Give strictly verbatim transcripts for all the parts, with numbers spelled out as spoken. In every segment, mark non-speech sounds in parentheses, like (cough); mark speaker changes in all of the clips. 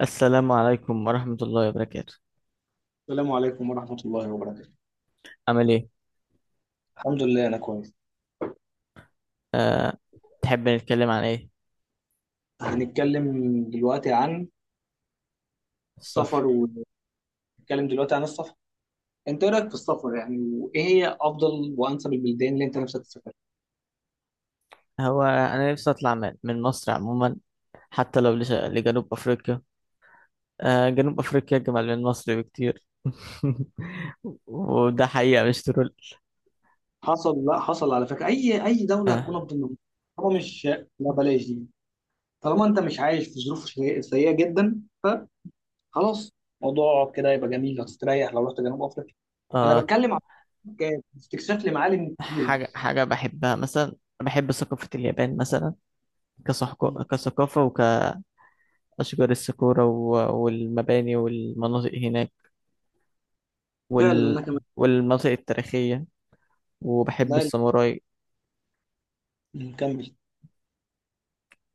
Speaker 1: السلام عليكم ورحمة الله وبركاته.
Speaker 2: السلام عليكم ورحمة الله وبركاته.
Speaker 1: عامل ايه؟
Speaker 2: الحمد لله أنا كويس.
Speaker 1: أه. تحب نتكلم عن ايه؟
Speaker 2: هنتكلم دلوقتي عن
Speaker 1: السفر.
Speaker 2: السفر، ونتكلم دلوقتي عن السفر. أنت إيه رأيك في السفر؟ يعني وإيه هي أفضل وأنسب البلدان اللي أنت نفسك تسافرها؟
Speaker 1: هو أنا نفسي أطلع من من مصر عموما، حتى لو لش- لجنوب أفريقيا. أه جنوب أفريقيا أجمل من مصر بكتير. (laughs) وده حقيقة مش ترول.
Speaker 2: حصل لا حصل على فكرة، أي أي دولة هتكون
Speaker 1: أه.
Speaker 2: أفضل منهم؟ طالما مش لا بلاش دي. طالما أنت مش عايش في ظروف شيء- سيئة جدا، فخلاص، موضوع كده يبقى جميل، هتستريح لو رحت جنوب أفريقيا. أنا
Speaker 1: أه.
Speaker 2: بتكلم عن ك- استكشاف لمعالم كبيرة.
Speaker 1: حاجة حاجة بحبها مثلا. بحب ثقافة اليابان مثلا، كصحك- كثقافة وكأشجار الساكورا و- والمباني والمناطق هناك،
Speaker 2: فعلا أنا
Speaker 1: وال...
Speaker 2: كمان.
Speaker 1: والمناطق التاريخية، وبحب
Speaker 2: لا،
Speaker 1: الساموراي.
Speaker 2: نكمل.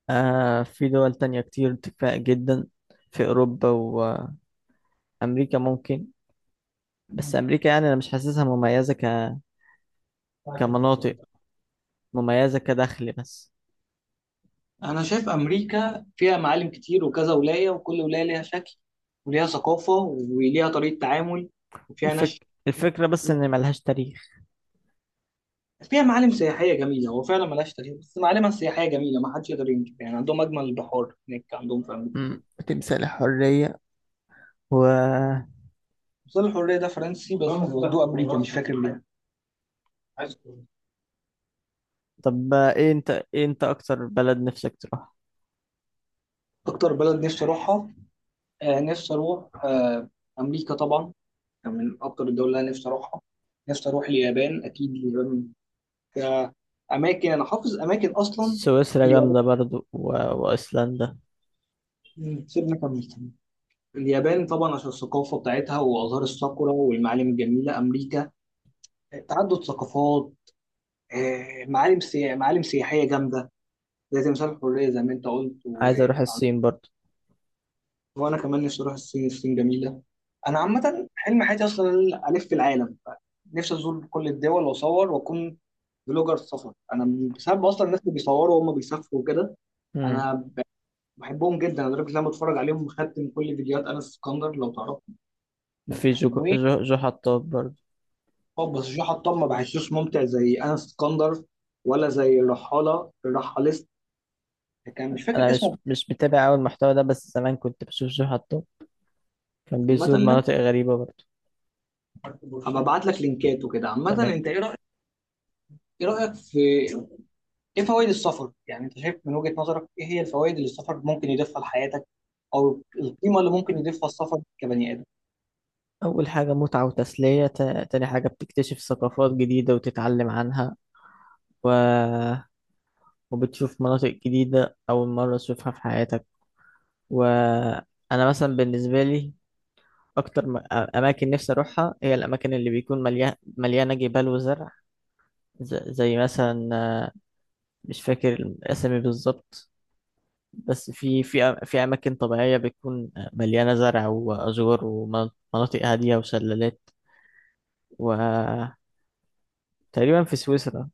Speaker 1: آه في دول تانية كتير دفاع جدا، في أوروبا وأمريكا ممكن. بس أمريكا يعني أنا مش حاسسها مميزة ك... كمناطق مميزة كدخل بس.
Speaker 2: انا شايف امريكا فيها معالم كتير وكذا ولايه، وكل ولايه ليها شكل وليها ثقافه وليها طريقه تعامل وفيها ناس.
Speaker 1: الفك... الفكرة بس إن ملهاش تاريخ.
Speaker 2: فيها معالم سياحيه جميله، هو فعلا ملهاش تاريخ بس معالمها السياحيه جميله، ما حدش يقدر ينكر يعني. عندهم اجمل البحار هناك، عندهم في امريكا.
Speaker 1: مم. تمثال الحرية و.
Speaker 2: مثال الحريه ده فرنسي بس ودوه امريكا، مش فاكر ليه.
Speaker 1: طب، إيه أنت إيه أنت أكتر بلد نفسك تروح؟
Speaker 2: اكتر بلد نفسي اروحها، آه، نفسي اروح، آه، امريكا طبعا. يعني من اكتر الدول اللي انا نفسي اروحها. نفسي اروح اليابان، اكيد اليابان، كأماكن، أنا حافظ أماكن أصلا في
Speaker 1: سويسرا
Speaker 2: اليابان.
Speaker 1: جامدة برضو و... وأيسلندا.
Speaker 2: مم. سيبنا، كمل كمل. اليابان طبعا عشان الثقافة بتاعتها وأزهار الساكورا والمعالم الجميلة. أمريكا، تعدد ثقافات، آه، معالم سيا... معالم سياحية جامدة زي تمثال الحرية زي ما أنت قلت. و...
Speaker 1: عايز أروح الصين برضو.
Speaker 2: وأنا كمان نفسي أروح الصين، الصين جميلة. أنا عامة حلم حياتي أصلا إن أنا ألف في العالم، نفسي أزور كل الدول وأصور وأكون بلوجر سفر. أنا بسبب أصلا الناس اللي بيصوروا وهم بيسافروا وكده،
Speaker 1: مم.
Speaker 2: انا بحبهم جدا لدرجه ان انا بتفرج عليهم، مختم كل فيديوهات انس اسكندر لو تعرف.
Speaker 1: في جو جو, جو حطاب برضو.
Speaker 2: و بس جو حطام ما بحسوش ممتع زي انس اسكندر، ولا زي الرحاله الرحاليست، كان مش فاكر
Speaker 1: أنا
Speaker 2: اسمه.
Speaker 1: مش مش متابع أوي المحتوى ده، بس زمان كنت بشوف جو حطاب، كان بيزور
Speaker 2: عامه،
Speaker 1: مناطق غريبة برضه.
Speaker 2: هبقى ابعت لك لينكات وكده. عامه
Speaker 1: تمام.
Speaker 2: انت ايه رايك؟ ايه رايك في، ايه فوائد السفر يعني؟ انت شايف من وجهه نظرك ايه هي الفوائد اللي السفر ممكن يضيفها لحياتك، او القيمه اللي ممكن يضيفها السفر كبني ادم؟
Speaker 1: أول حاجة متعة وتسلية، تا- تاني حاجة بتكتشف ثقافات جديدة وتتعلم عنها، و... وبتشوف مناطق جديدة أول مرة تشوفها في حياتك. وأنا مثلا بالنسبة لي، أكتر م... أماكن نفسي أروحها هي الأماكن اللي بيكون مليان... مليانة جبال وزرع، ز... زي مثلا آه، مش فاكر الأسامي بالظبط، بس في في أ- في أماكن طبيعية بتكون مليانة زرع وأزور ومناطق هادية وشلالات و تقريبا في سويسرا،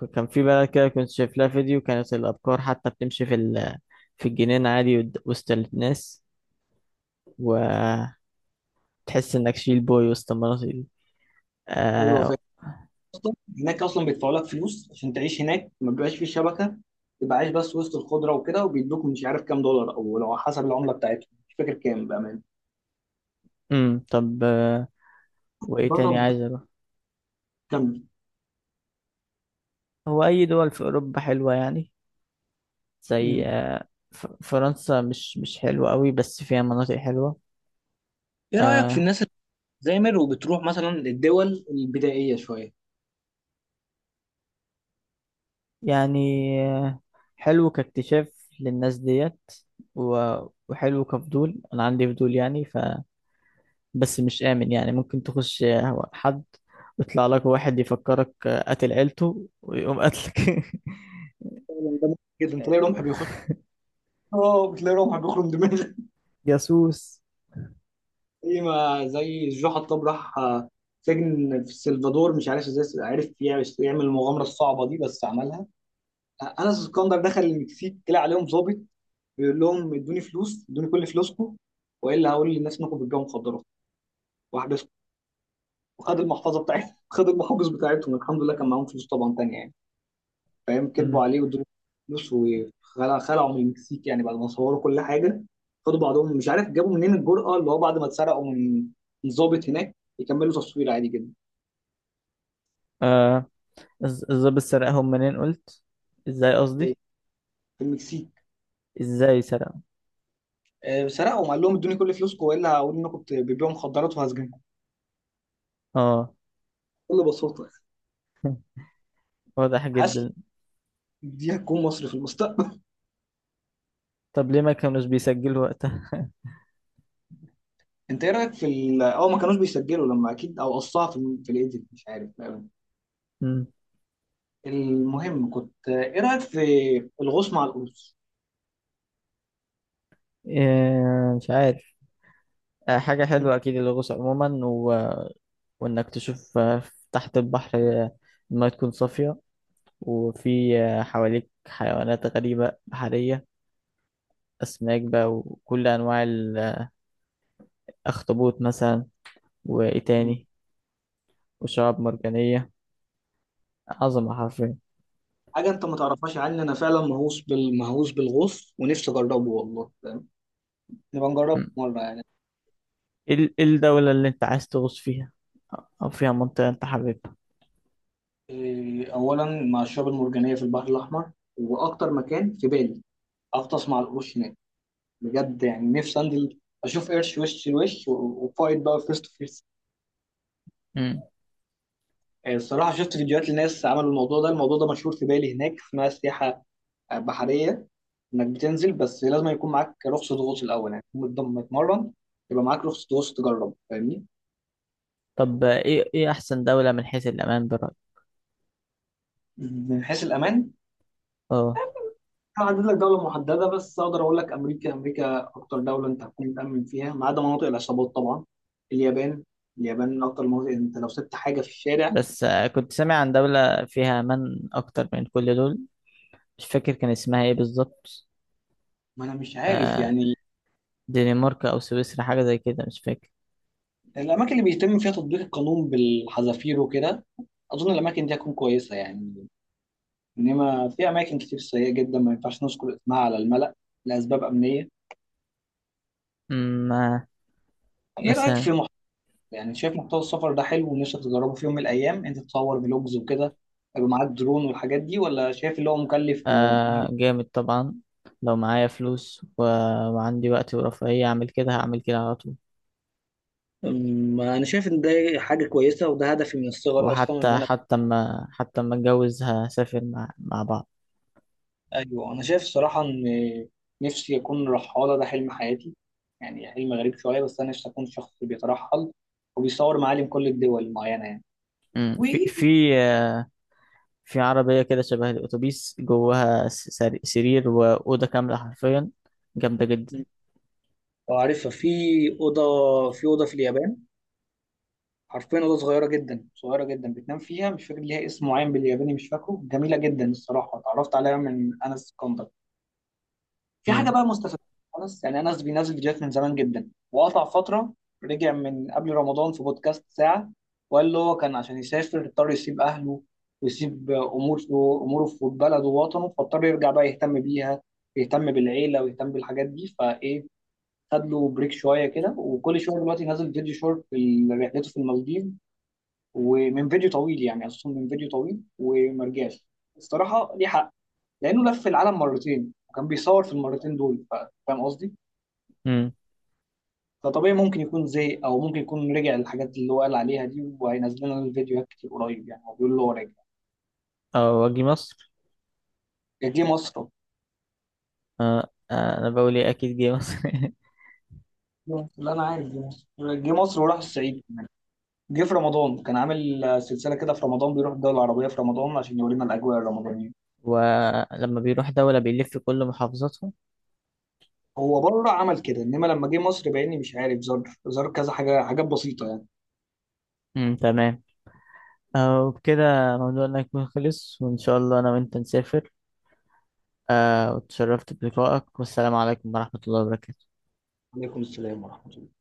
Speaker 1: ك- كان في بلد كده كنت شايف لها فيديو، كانت الأبقار حتى بتمشي في ال... في الجنينة عادي ود- وسط الناس، وتحس إنك شيل بوي وسط المناطق دي.
Speaker 2: او الوفاء
Speaker 1: آه...
Speaker 2: اصلا، هناك اصلا بيدفعوا لك فلوس عشان تعيش هناك، ما بيبقاش فيه شبكه، تبقى عايش بس وسط الخضره وكده، وبيدوك مش عارف كام دولار، او لو حسب العمله بتاعتهم مش فاكر كام، بامان.
Speaker 1: أمم طب، آه، وإيه تاني
Speaker 2: بضرب
Speaker 1: عايز أروح؟
Speaker 2: كام.
Speaker 1: هو أي دول في أوروبا حلوة يعني؟ زي
Speaker 2: مم.
Speaker 1: آه... ف... فرنسا مش مش حلوة قوي بس فيها مناطق حلوة.
Speaker 2: ايه رايك في
Speaker 1: آه...
Speaker 2: الناس اللي بتزامر وبتروح مثلا للدول البدائيه شويه؟
Speaker 1: يعني، آه، حلو كاكتشاف للناس ديت، و... وحلو كفضول، أنا عندي فضول يعني، بس مش آمن يعني، ممكن تخش حد ويطلع لك واحد يفكرك قاتل عيلته ويقوم قاتلك.
Speaker 2: فعلاً ده ممكن جدا، تلاقي رمح بيخش.
Speaker 1: (laughs)
Speaker 2: اه، بتلاقي رمح بيخرم دماغك. (laughs)
Speaker 1: جاسوس.
Speaker 2: زي ما، زي الجو حطاب، راح، آه، سجن في السلفادور، مش عارف ازاي عرف يعمل، يعمل المغامره الصعبه دي بس عملها. آه، انس اسكندر دخل المكسيك طلع عليهم ظابط، بيقول لهم ادوني فلوس، ادوني كل فلوسكم، والا هقول للناس انكم بتبيعوا مخدرات، واحبسكم، وخد المحفظه بتاعتهم. (laughs) خد المحافظ بتاعتهم، الحمد لله كان معاهم فلوس طبعا تانية يعني. فاهم، كذبوا
Speaker 1: مم.
Speaker 2: عليه وادوني فلوس، وخلعوا من المكسيك يعني بعد ما صوروا كل حاجه. خدوا بعضهم، مش عارف جابوا منين الجرأه، اللي هو بعد ما اتسرقوا من من ضابط هناك، يكملوا تصوير عادي جدا.
Speaker 1: آه الز- الظابط سرقهم منين قلت؟ ازاي قصدي،
Speaker 2: في المكسيك.
Speaker 1: ازاي سرقهم؟
Speaker 2: آه، سرقهم، قال لهم ادوني كل فلوسكم، والا هقول انكم بت- بتبيعوا مخدرات وهسجنكم،
Speaker 1: اه.
Speaker 2: بكل بساطه.
Speaker 1: (laughs) واضح
Speaker 2: حاسس
Speaker 1: جدا.
Speaker 2: دي هتكون مصر في المستقبل.
Speaker 1: طب ليه ما كانوش بيسجلوا وقتها؟ (laughs)
Speaker 2: انت ايه رايك في ال اه ما كانوش بيسجلوا لما، اكيد او قصها في ال- في الايديت، مش عارف بأمانة.
Speaker 1: مم.
Speaker 2: المهم، كنت ايه رايك في الغوص مع القروش؟
Speaker 1: آه مش عارف. آه حاجة حلوة أكيد، الغوص عموما و... وإنك تشوف، آه، تحت البحر، آه، المايه تكون صافية، وفي حواليك حيوانات غريبة بحرية، أسماك بقى وكل أنواع الأخطبوط مثلا، وإيه
Speaker 2: مم.
Speaker 1: تاني، وشعاب مرجانية، عظمة حرفيا.
Speaker 2: حاجه انت ما تعرفهاش عني، انا فعلا مهووس بال- مهووس بالغوص ونفسي اجربه والله، فاهم؟ نبقى نجربه
Speaker 1: م.
Speaker 2: مره يعني.
Speaker 1: إيه ال- إيه الدولة اللي أنت عايز تغوص فيها، أو فيها منطقة أنت حاببها؟
Speaker 2: إيه، اولا مع الشعاب المرجانيه في البحر الاحمر. واكتر مكان في بالي اغطس مع القروش هناك، بجد يعني، نفسي انزل اشوف قرش وش لوش و- وفايت بقى، فيست.
Speaker 1: م.
Speaker 2: آه، الصراحة شفت فيديوهات لناس عملوا الموضوع ده، الموضوع ده مشهور في بالي هناك، اسمها سياحة آه، بحرية. إنك بتنزل، بس لازم يكون معاك رخصة غوص الأول، يعني تكون متضم- متمرن، يبقى معاك رخصة غوص، تجرب، فاهمني؟
Speaker 1: طب إيه إيه أحسن دولة من حيث الأمان برأيك؟
Speaker 2: من حيث الأمان،
Speaker 1: أه.
Speaker 2: أنا عدد لك دولة محددة، بس أقدر أقول لك أمريكا، أمريكا أكتر دولة أنت هتكون متأمن فيها، ما عدا مناطق العصابات طبعا. اليابان، اليابان من أكتر المناطق، أنت لو سبت حاجة في الشارع.
Speaker 1: بس آه، كنت سامع عن دولة فيها أمان أكتر من كل دول، مش فاكر كان اسمها إيه بالظبط،
Speaker 2: ما أنا مش عارف
Speaker 1: آه،
Speaker 2: يعني.
Speaker 1: دنمارك أو سويسرا حاجة زي كده مش فاكر.
Speaker 2: الأماكن اللي بيتم فيها تطبيق القانون بالحذافير وكده، أظن الأماكن دي هتكون كويسة يعني. انما في اماكن كتير سيئه جدا، ما ينفعش نذكر اسمها على الملأ، لاسباب امنيه.
Speaker 1: م، آه،
Speaker 2: ايه رايك في
Speaker 1: مثلا.
Speaker 2: محتوى، يعني شايف محتوى السفر ده حلو ونفسك تجربه في يوم من الايام، انت تصور فلوجز وكده، يبقى معاك درون والحاجات دي، ولا شايف اللي هو مكلف؟ و...
Speaker 1: آه جامد طبعا، لو معايا فلوس و... وعندي وقت ورفاهية أعمل كده هعمل كده على طول.
Speaker 2: أمم، انا شايف ان ده حاجه كويسه، وده هدفي من الصغر اصلا، ان
Speaker 1: وحتى
Speaker 2: انا.
Speaker 1: حتى ما حتى ما أتجوز هسافر مع مع بعض.
Speaker 2: ايوه انا شايف الصراحه ان نفسي اكون رحاله، ده حلم حياتي، يعني حلم غريب شويه، بس انا نفسي اكون شخص بيترحل وبيصور معالم كل الدول المعينه يعني.
Speaker 1: مم. في في آه، في عربية كده شبه الأتوبيس جواها س- سر- سرير وأوضة كاملة حرفيا، جامدة جدا.
Speaker 2: اه، عارفها، في اوضه، في اوضه في اليابان حرفيا، اوضه صغيره جدا صغيره جدا بتنام فيها، مش فاكر ليها اسم معين بالياباني، مش فاكره، جميله جدا الصراحه، اتعرفت عليها من انس كوندر. في حاجه
Speaker 1: مم.
Speaker 2: بقى مستفزه خالص يعني، انس بينزل فيديوهات من زمان جدا وقطع فتره، رجع من قبل رمضان في بودكاست ساعه، وقال له، هو كان عشان يسافر اضطر يسيب اهله، ويسيب امور، اموره في بلده ووطنه، فاضطر يرجع بقى يهتم بيها، يهتم بالعيله ويهتم بالحاجات دي. فايه، خد له بريك شويه كده، وكل شويه دلوقتي نازل فيديو شورت في رحلته في المالديف، ومن فيديو طويل يعني اساسا من فيديو طويل، وما رجعش. الصراحه ليه حق، لانه لف العالم مرتين وكان بيصور في المرتين دول، ف- فاهم قصدي؟
Speaker 1: مم.
Speaker 2: فطبيعي ممكن يكون زهق، او ممكن يكون رجع للحاجات اللي هو قال عليها دي، وهينزل لنا الفيديوهات كتير قريب يعني، هو بيقول له هو راجع.
Speaker 1: أه، وأجي مصر.
Speaker 2: جه مصر.
Speaker 1: أه، آه، أنا بقول إيه، أكيد جه مصر. (laughs)
Speaker 2: لا انا عارف جه مصر. جه مصر وراح الصعيد كمان. جه في رمضان، كان عامل سلسله كده في رمضان بيروح الدول العربيه في رمضان عشان يورينا الاجواء الرمضانيه.
Speaker 1: ولما بيروح دولة بيلف كل محافظاتهم.
Speaker 2: هو بره عمل كده، انما لما جه مصر، باني مش عارف، زار زار كذا حاجه، حاجات بسيطه يعني.
Speaker 1: مم. تمام. آه، وبكده موضوعنا يكون خلص، وإن شاء الله أنا وأنت نسافر. آه، وتشرفت بلقائك، والسلام عليكم ورحمة الله وبركاته.
Speaker 2: عليكم السلام ورحمه الله.